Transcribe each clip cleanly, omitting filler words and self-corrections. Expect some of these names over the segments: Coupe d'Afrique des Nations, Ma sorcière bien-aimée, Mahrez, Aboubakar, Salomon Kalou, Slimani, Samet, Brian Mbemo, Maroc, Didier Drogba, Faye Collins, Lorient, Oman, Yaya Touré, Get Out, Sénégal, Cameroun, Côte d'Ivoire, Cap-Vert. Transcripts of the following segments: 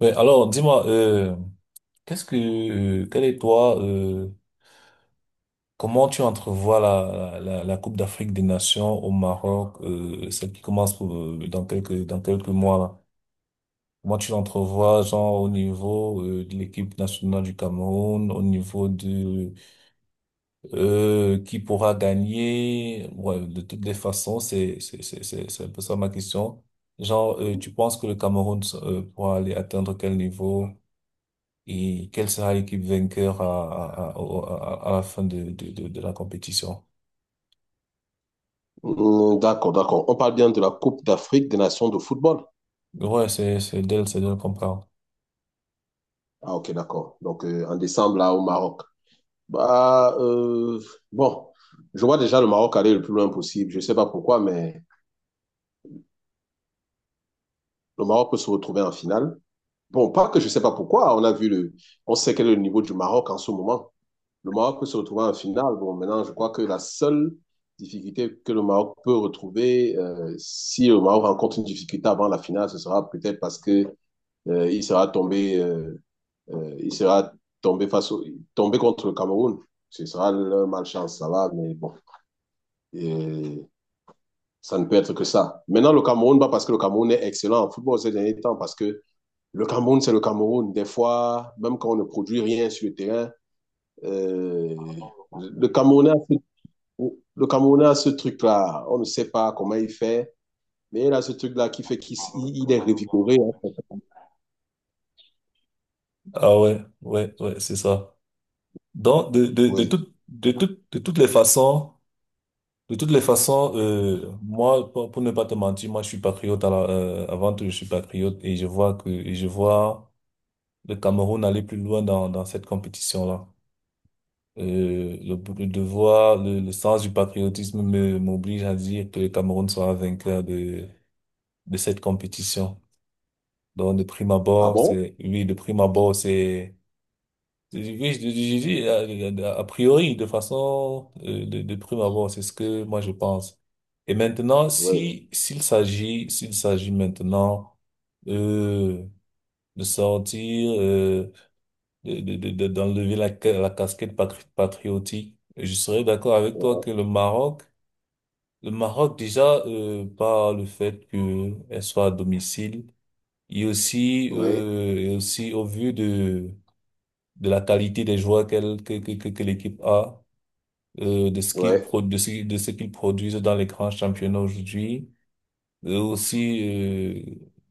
Ouais, alors dis-moi, qu'est-ce que, euh, quel est toi, euh, comment tu entrevois la Coupe d'Afrique des Nations au Maroc, celle qui commence pour, dans quelques mois là? Comment tu l'entrevois, genre au niveau de l'équipe nationale du Cameroun, au niveau de qui pourra gagner? Ouais, de toutes les façons, c'est un peu ça ma question. Genre, tu penses que le Cameroun pourra aller atteindre quel niveau? Et quelle sera l'équipe vainqueur à la fin de la compétition. D'accord, d'accord. On parle bien de la Coupe d'Afrique des Nations de football. Ouais, c'est d'elle comprendre. Ah, ok, d'accord. Donc, en décembre, là, au Maroc. Bah, bon, je vois déjà le Maroc aller le plus loin possible. Je ne sais pas pourquoi, mais le Maroc peut se retrouver en finale. Bon, pas que je ne sais pas pourquoi. On a vu le, on sait quel est le niveau du Maroc en ce moment. Le Maroc peut se retrouver en finale. Bon, maintenant, je crois que la seule difficulté que le Maroc peut retrouver, si le Maroc rencontre une difficulté avant la finale, ce sera peut-être parce que il sera tombé. Il sera tombé face au, tombé contre le Cameroun. Ce sera leur malchance, ça va, mais bon. Et ça ne peut être que ça. Maintenant, le Cameroun, pas parce que le Cameroun est excellent en football ces derniers temps, parce que le Cameroun, c'est le Cameroun. Des fois, même quand on ne produit rien sur le terrain, euh, le Camerounais, le Camerounais a ce truc-là. On ne sait pas comment il fait, mais il a ce truc-là qui fait qu'il il est revigoré, hein. Ah ouais, ouais, ouais, c'est ça. Donc, Oui. De toutes les façons, moi, pour ne pas te mentir, moi, je suis patriote avant tout, je suis patriote et je vois le Cameroun aller plus loin dans cette compétition-là. Le sens du patriotisme m'oblige à dire que le Cameroun sera vainqueur de cette compétition. Donc, de prime Ah abord, bon? Oui, de prime abord, c'est, oui, je dis, a priori, de façon, de prime abord, c'est ce que moi je pense. Et maintenant, Oui. si, s'il s'agit maintenant, euh, de sortir, d'enlever la casquette patriotique, je serais d'accord avec toi que Oui. Le Maroc déjà, par le fait qu'elle soit à domicile. Et aussi, Oui. Au vu de la qualité des joueurs qu'elle, que l'équipe a, Oui. De ce qu'ils produisent dans les grands championnats aujourd'hui, et aussi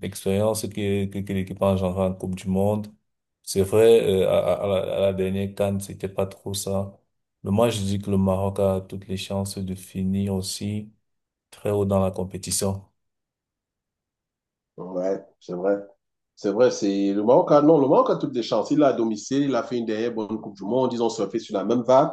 l'expérience que l'équipe a engendrée en Coupe du Monde. C'est vrai, à la dernière CAN, c'était pas trop ça. Mais moi, je dis que le Maroc a toutes les chances de finir aussi très haut dans la compétition. Ouais. C'est vrai. C'est vrai, c'est le Maroc a, non, le Maroc a toutes les chances. Il a à domicile, il a fait une dernière bonne Coupe du Monde. Ils ont surfé sur la même vague.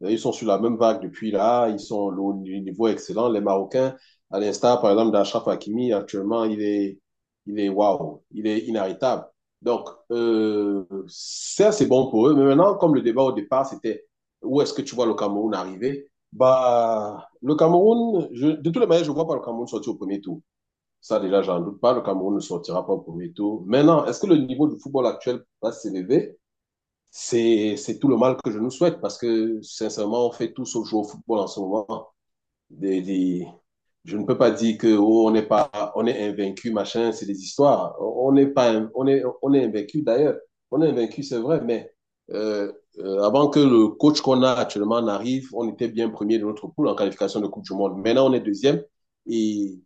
Ils sont sur la même vague depuis là. Ils sont au niveau excellent. Les Marocains, à l'instar, par exemple, d'Achraf Hakimi, actuellement, il est waouh, il est inarrêtable. Donc, ça, c'est bon pour eux. Mais maintenant, comme le débat au départ, c'était où est-ce que tu vois le Cameroun arriver? Bah, le Cameroun, de toutes les manières, je ne vois pas le Cameroun sortir au premier tour. Ça, déjà, j'en doute pas. Le Cameroun ne sortira pas au premier tour. Maintenant, est-ce que le niveau du football actuel va s'élever? C'est tout le mal que je nous souhaite parce que, sincèrement, on fait tout sauf jouer au football en ce moment. Des, des- Je ne peux pas dire que oh, on n'est pas, on est invaincu, machin, c'est des histoires. On n'est pas, on est invaincu d'ailleurs. On est invaincu, c'est vrai, mais euh, avant que le coach qu'on a actuellement n'arrive, on était bien premier de notre poule en qualification de Coupe du Monde. Maintenant, on est deuxième et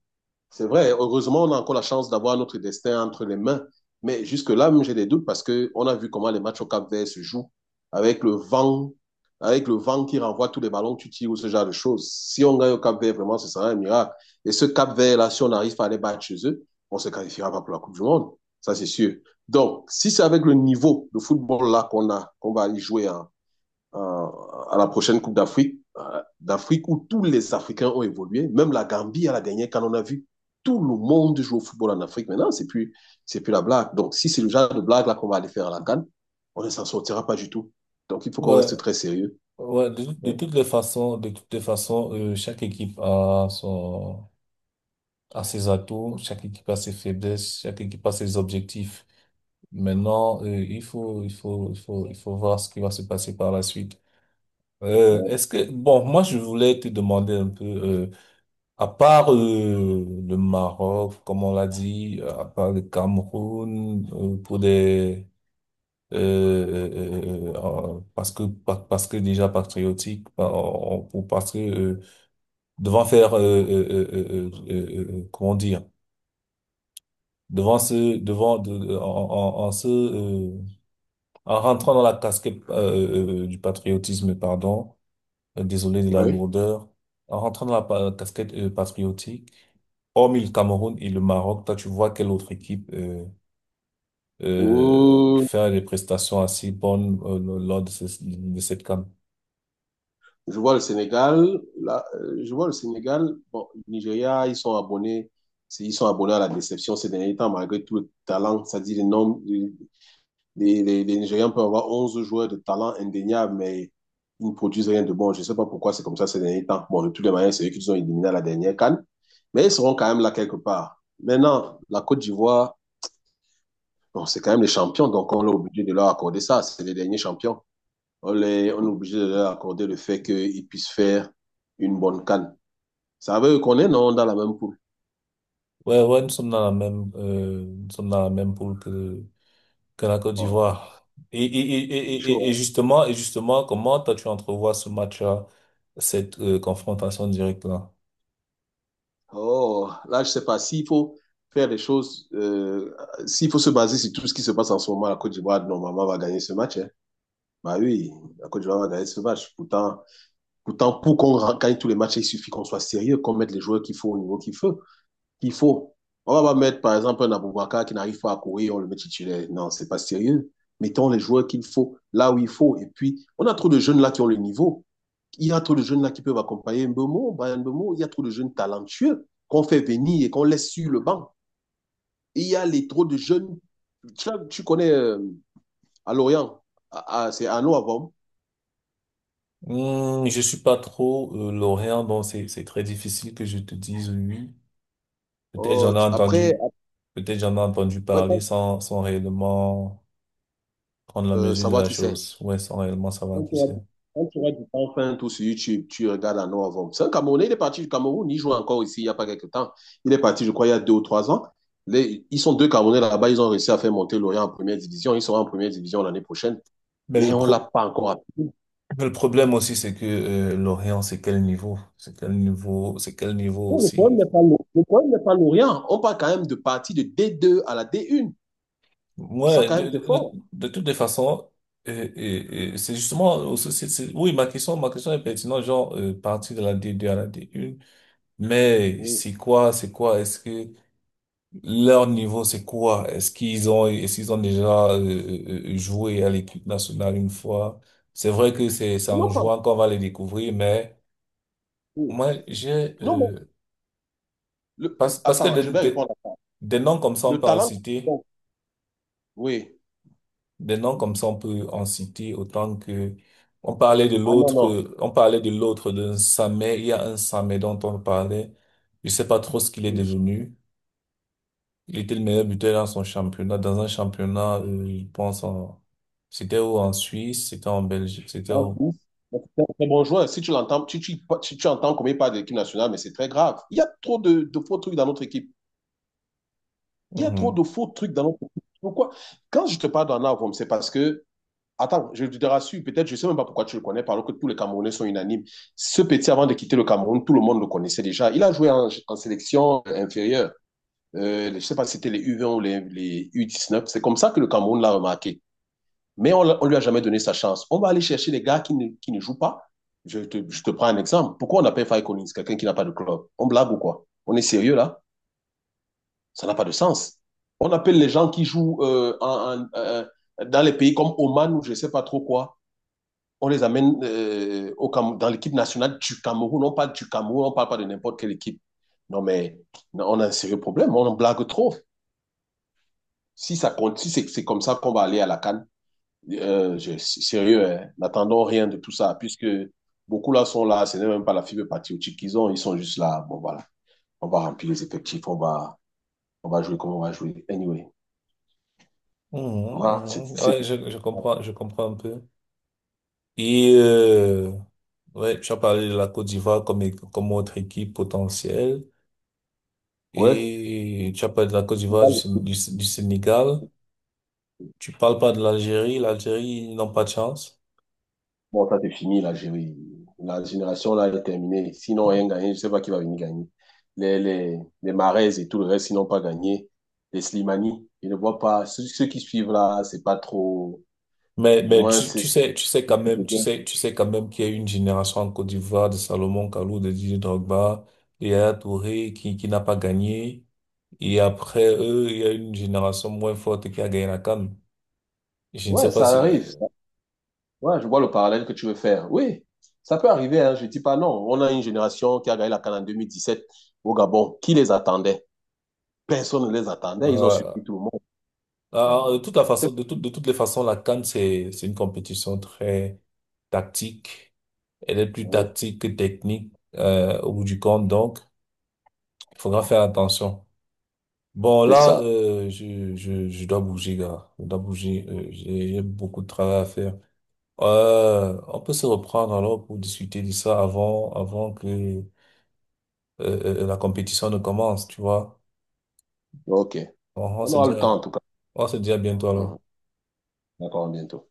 c'est vrai, heureusement, on a encore la chance d'avoir notre destin entre les mains. Mais jusque-là, même, j'ai des doutes parce qu'on a vu comment les matchs au Cap-Vert se jouent avec le vent, avec le vent qui renvoie tous les ballons tu tires ou ce genre de choses. Si on gagne au Cap-Vert, vraiment, ce sera un miracle. Et ce Cap-Vert-là, si on arrive à les battre chez eux, on ne se qualifiera pas pour la Coupe du Monde. Ça, c'est sûr. Donc, si c'est avec le niveau de football-là qu'on a, qu'on va aller jouer en, euh, à la prochaine Coupe d'Afrique où tous les Africains ont évolué. Même la Gambie, à la dernière, quand on a vu tout le monde joue au football en Afrique maintenant, c'est plus la blague. Donc, si c'est le genre de blague là qu'on va aller faire à la CAN, on ne s'en sortira pas du tout. Donc, il faut qu'on Ouais, reste très sérieux. ouais, Ouais. De toutes les façons, chaque équipe a ses atouts, chaque équipe a ses faiblesses, chaque équipe a ses objectifs. Maintenant, il faut voir ce qui va se passer par la suite. Est-ce que, bon, moi, je voulais te demander un peu, à part, le Maroc, comme on l'a dit, à part le Cameroun, pour des, parce que déjà patriotique, bah, on- pour parce que, devant faire comment dire devant ce devant en se en rentrant dans la casquette du patriotisme pardon, désolé de la Ouais. lourdeur, en rentrant dans la casquette patriotique, hormis le Cameroun et le Maroc, toi tu vois quelle autre équipe Oh, faire des prestations assez bonnes lors de de cette CAN? je vois le Sénégal. Là, je vois le Sénégal. Bon, le Nigeria, ils sont abonnés. Ils sont abonnés à la déception ces derniers temps, malgré tout le talent, ça dit les noms, les Nigérians peuvent avoir 11 joueurs de talent indéniable, mais ils ne produisent rien de bon. Je ne sais pas pourquoi c'est comme ça ces derniers temps. Bon, de toutes les manières, c'est eux qui nous ont éliminés à la dernière canne, mais ils seront quand même là quelque part. Maintenant, la Côte d'Ivoire, bon, c'est quand même les champions, donc on est obligé de leur accorder ça. C'est les derniers champions. On est obligé de leur accorder le fait qu'ils puissent faire une bonne canne. Ça veut qu'on est, non, dans la même poule. Ouais, ouais, nous sommes dans la même nous sommes dans la même poule que la Côte Oh, d'Ivoire. C'est chaud, hein. Justement, comment toi tu entrevois ce match-là, cette confrontation directe-là? Oh, là, je sais pas s'il faut faire les choses, s'il faut se baser sur tout ce qui se passe en ce moment, la Côte d'Ivoire, normalement, va gagner ce match, hein. Bah oui, la Côte d'Ivoire va gagner ce match. Pourtant pour qu'on gagne tous les matchs, il suffit qu'on soit sérieux, qu'on mette les joueurs qu'il faut au niveau qu'il faut. Qu'il faut. On va pas mettre, par exemple, un Aboubakar qui n'arrive pas à courir, on le met titulaire. Non, c'est pas sérieux. Mettons les joueurs qu'il faut, là où il faut. Et puis, on a trop de jeunes là qui ont le niveau. Il y a trop de jeunes là qui peuvent accompagner Mbemo, Brian Mbemo, il y a trop de jeunes talentueux qu'on fait venir et qu'on laisse sur le banc. Et il y a les trop de jeunes, tu connais à Lorient, c'est à avant. Hmm, je suis pas trop lorrain, donc c'est très difficile que je te dise oui. Oui. Peut-être Oh, j'en ai après, entendu, peut-être j'en ai entendu parler après sans réellement prendre la mesure de savoir la qui c'est. chose. Ouais, sans réellement savoir Quand qui tu c'est. auras du temps, enfin, tout sur YouTube, tu regardes à avant. C'est un Camerounais, il est parti du Cameroun, il joue encore ici il n'y a pas quelque temps. Il est parti, je crois, il y a 2 ou 3 ans. Ils sont deux Camerounais là-bas, ils ont réussi à faire monter Lorient en première division. Ils seront en première division l'année prochaine, Mais mais le on ne l'a pro pas encore appris. mais le problème aussi, c'est que Lorient, c'est quel niveau? C'est quel niveau? C'est quel niveau Oui, le aussi? problème n'est pas, le problème n'est pas l'Orient. On parle quand même de partie de D2 à la D1. Ça, Ouais, quand même, c'est fort. de toutes les façons, et c'est justement aussi, oui, ma question est pertinente, genre, partir de la d deux à la D1, mais Oui. C'est quoi, est-ce que leur niveau, c'est quoi? Est-ce qu'ils ont déjà joué à l'équipe nationale une fois? C'est vrai que c'est Ils en n'ont pas. jouant qu'on va les découvrir, mais Oui. moi, j'ai, Non, mais euh, parce que attends, je vais répondre à ça. des noms comme ça, on Le peut en talent. citer. Bon, oui. Des noms comme ça, on peut en citer autant que on parlait de Ah non, l'autre, non. On parlait de l'autre d'un Samet. Il y a un Samet dont on parlait. Je sais pas trop ce qu'il est Oui. devenu. Il était le meilleur buteur dans un championnat, je pense c'était où, en Suisse, c'était en Belgique, c'était Un où? fils, mais c'est un très bon joueur. Si tu l'entends, tu entends comme il parle de l'équipe nationale, mais c'est très grave. Il y a trop de faux trucs dans notre équipe. Il y a trop Mhm. de faux trucs dans notre équipe. Pourquoi? Quand je te parle d'en avant, c'est parce que attends, je te rassure, peut-être, je ne sais même pas pourquoi tu le connais, alors que tous les Camerounais sont unanimes. Ce petit, avant de quitter le Cameroun, tout le monde le connaissait déjà. Il a joué en, en sélection inférieure. Je ne sais pas si c'était les U20 ou les U19. C'est comme ça que le Cameroun l'a remarqué. Mais on ne lui a jamais donné sa chance. On va aller chercher les gars qui ne jouent pas. Je te prends un exemple. Pourquoi on appelle Faye Collins quelqu'un qui n'a pas de club? On blague ou quoi? On est sérieux là? Ça n'a pas de sens. On appelle les gens qui jouent dans les pays comme Oman ou je ne sais pas trop quoi, on les amène au dans l'équipe nationale du Cameroun. On parle du Cameroun, on ne parle pas de n'importe quelle équipe. Non, mais on a un sérieux problème, on en blague trop. Si ça continue, c'est comme ça qu'on va aller à la CAN. Sérieux, hein, n'attendons rien de tout ça, puisque beaucoup là sont là, ce n'est même pas la fibre patriotique qu'ils ont, ils sont juste là. Bon, voilà, on va remplir les effectifs, on va jouer comme on va jouer. Anyway, voilà, Mhm, mhm. Ouais, je comprends un peu. Et ouais, tu as parlé de la Côte d'Ivoire comme autre équipe potentielle. ouais. Et tu as parlé de la Côte d'Ivoire, du Sénégal. Tu parles pas de l'Algérie. L'Algérie, ils n'ont pas de chance. Bon, ça c'est fini, l'Algérie. La génération là est terminée. Sinon, rien gagné, je ne sais pas qui va venir gagner. Les Mahrez et tout le reste, ils n'ont pas gagné. Les Slimani, ils ne voient pas. Ceux qui suivent là, c'est pas trop. Mais, Du mais moins, c'est. C'est- tu sais quand même qu'il y a eu une génération en Côte d'Ivoire, de Salomon Kalou, de Didier Drogba, de Yaya Touré qui n'a pas gagné. Et après eux, il y a une génération moins forte qui a gagné la CAN. Je ne sais Ouais, pas ça si, arrive. Ça. Ouais, je vois le parallèle que tu veux faire. Oui, ça peut arriver, hein, je ne dis pas non. On a une génération qui a gagné la CAN en 2017 au Gabon. Qui les attendait? Personne ne les attendait. Ils ont surpris ah, tout le monde. ah, de Donc, toute la c'est façon, de toute, de toutes les façons, la CAN, c'est une compétition très tactique. Elle est plus tactique que technique, au bout du compte, donc il faudra faire attention. Bon, c'est là, ça. Je dois bouger, gars. Je dois bouger. J'ai beaucoup de travail à faire. On peut se reprendre alors pour discuter de ça avant que la compétition ne commence, tu vois. OK. On, on On se aura dit le temps, à, en tout cas. on se dit à bientôt Mhm. alors. D'accord, à bientôt.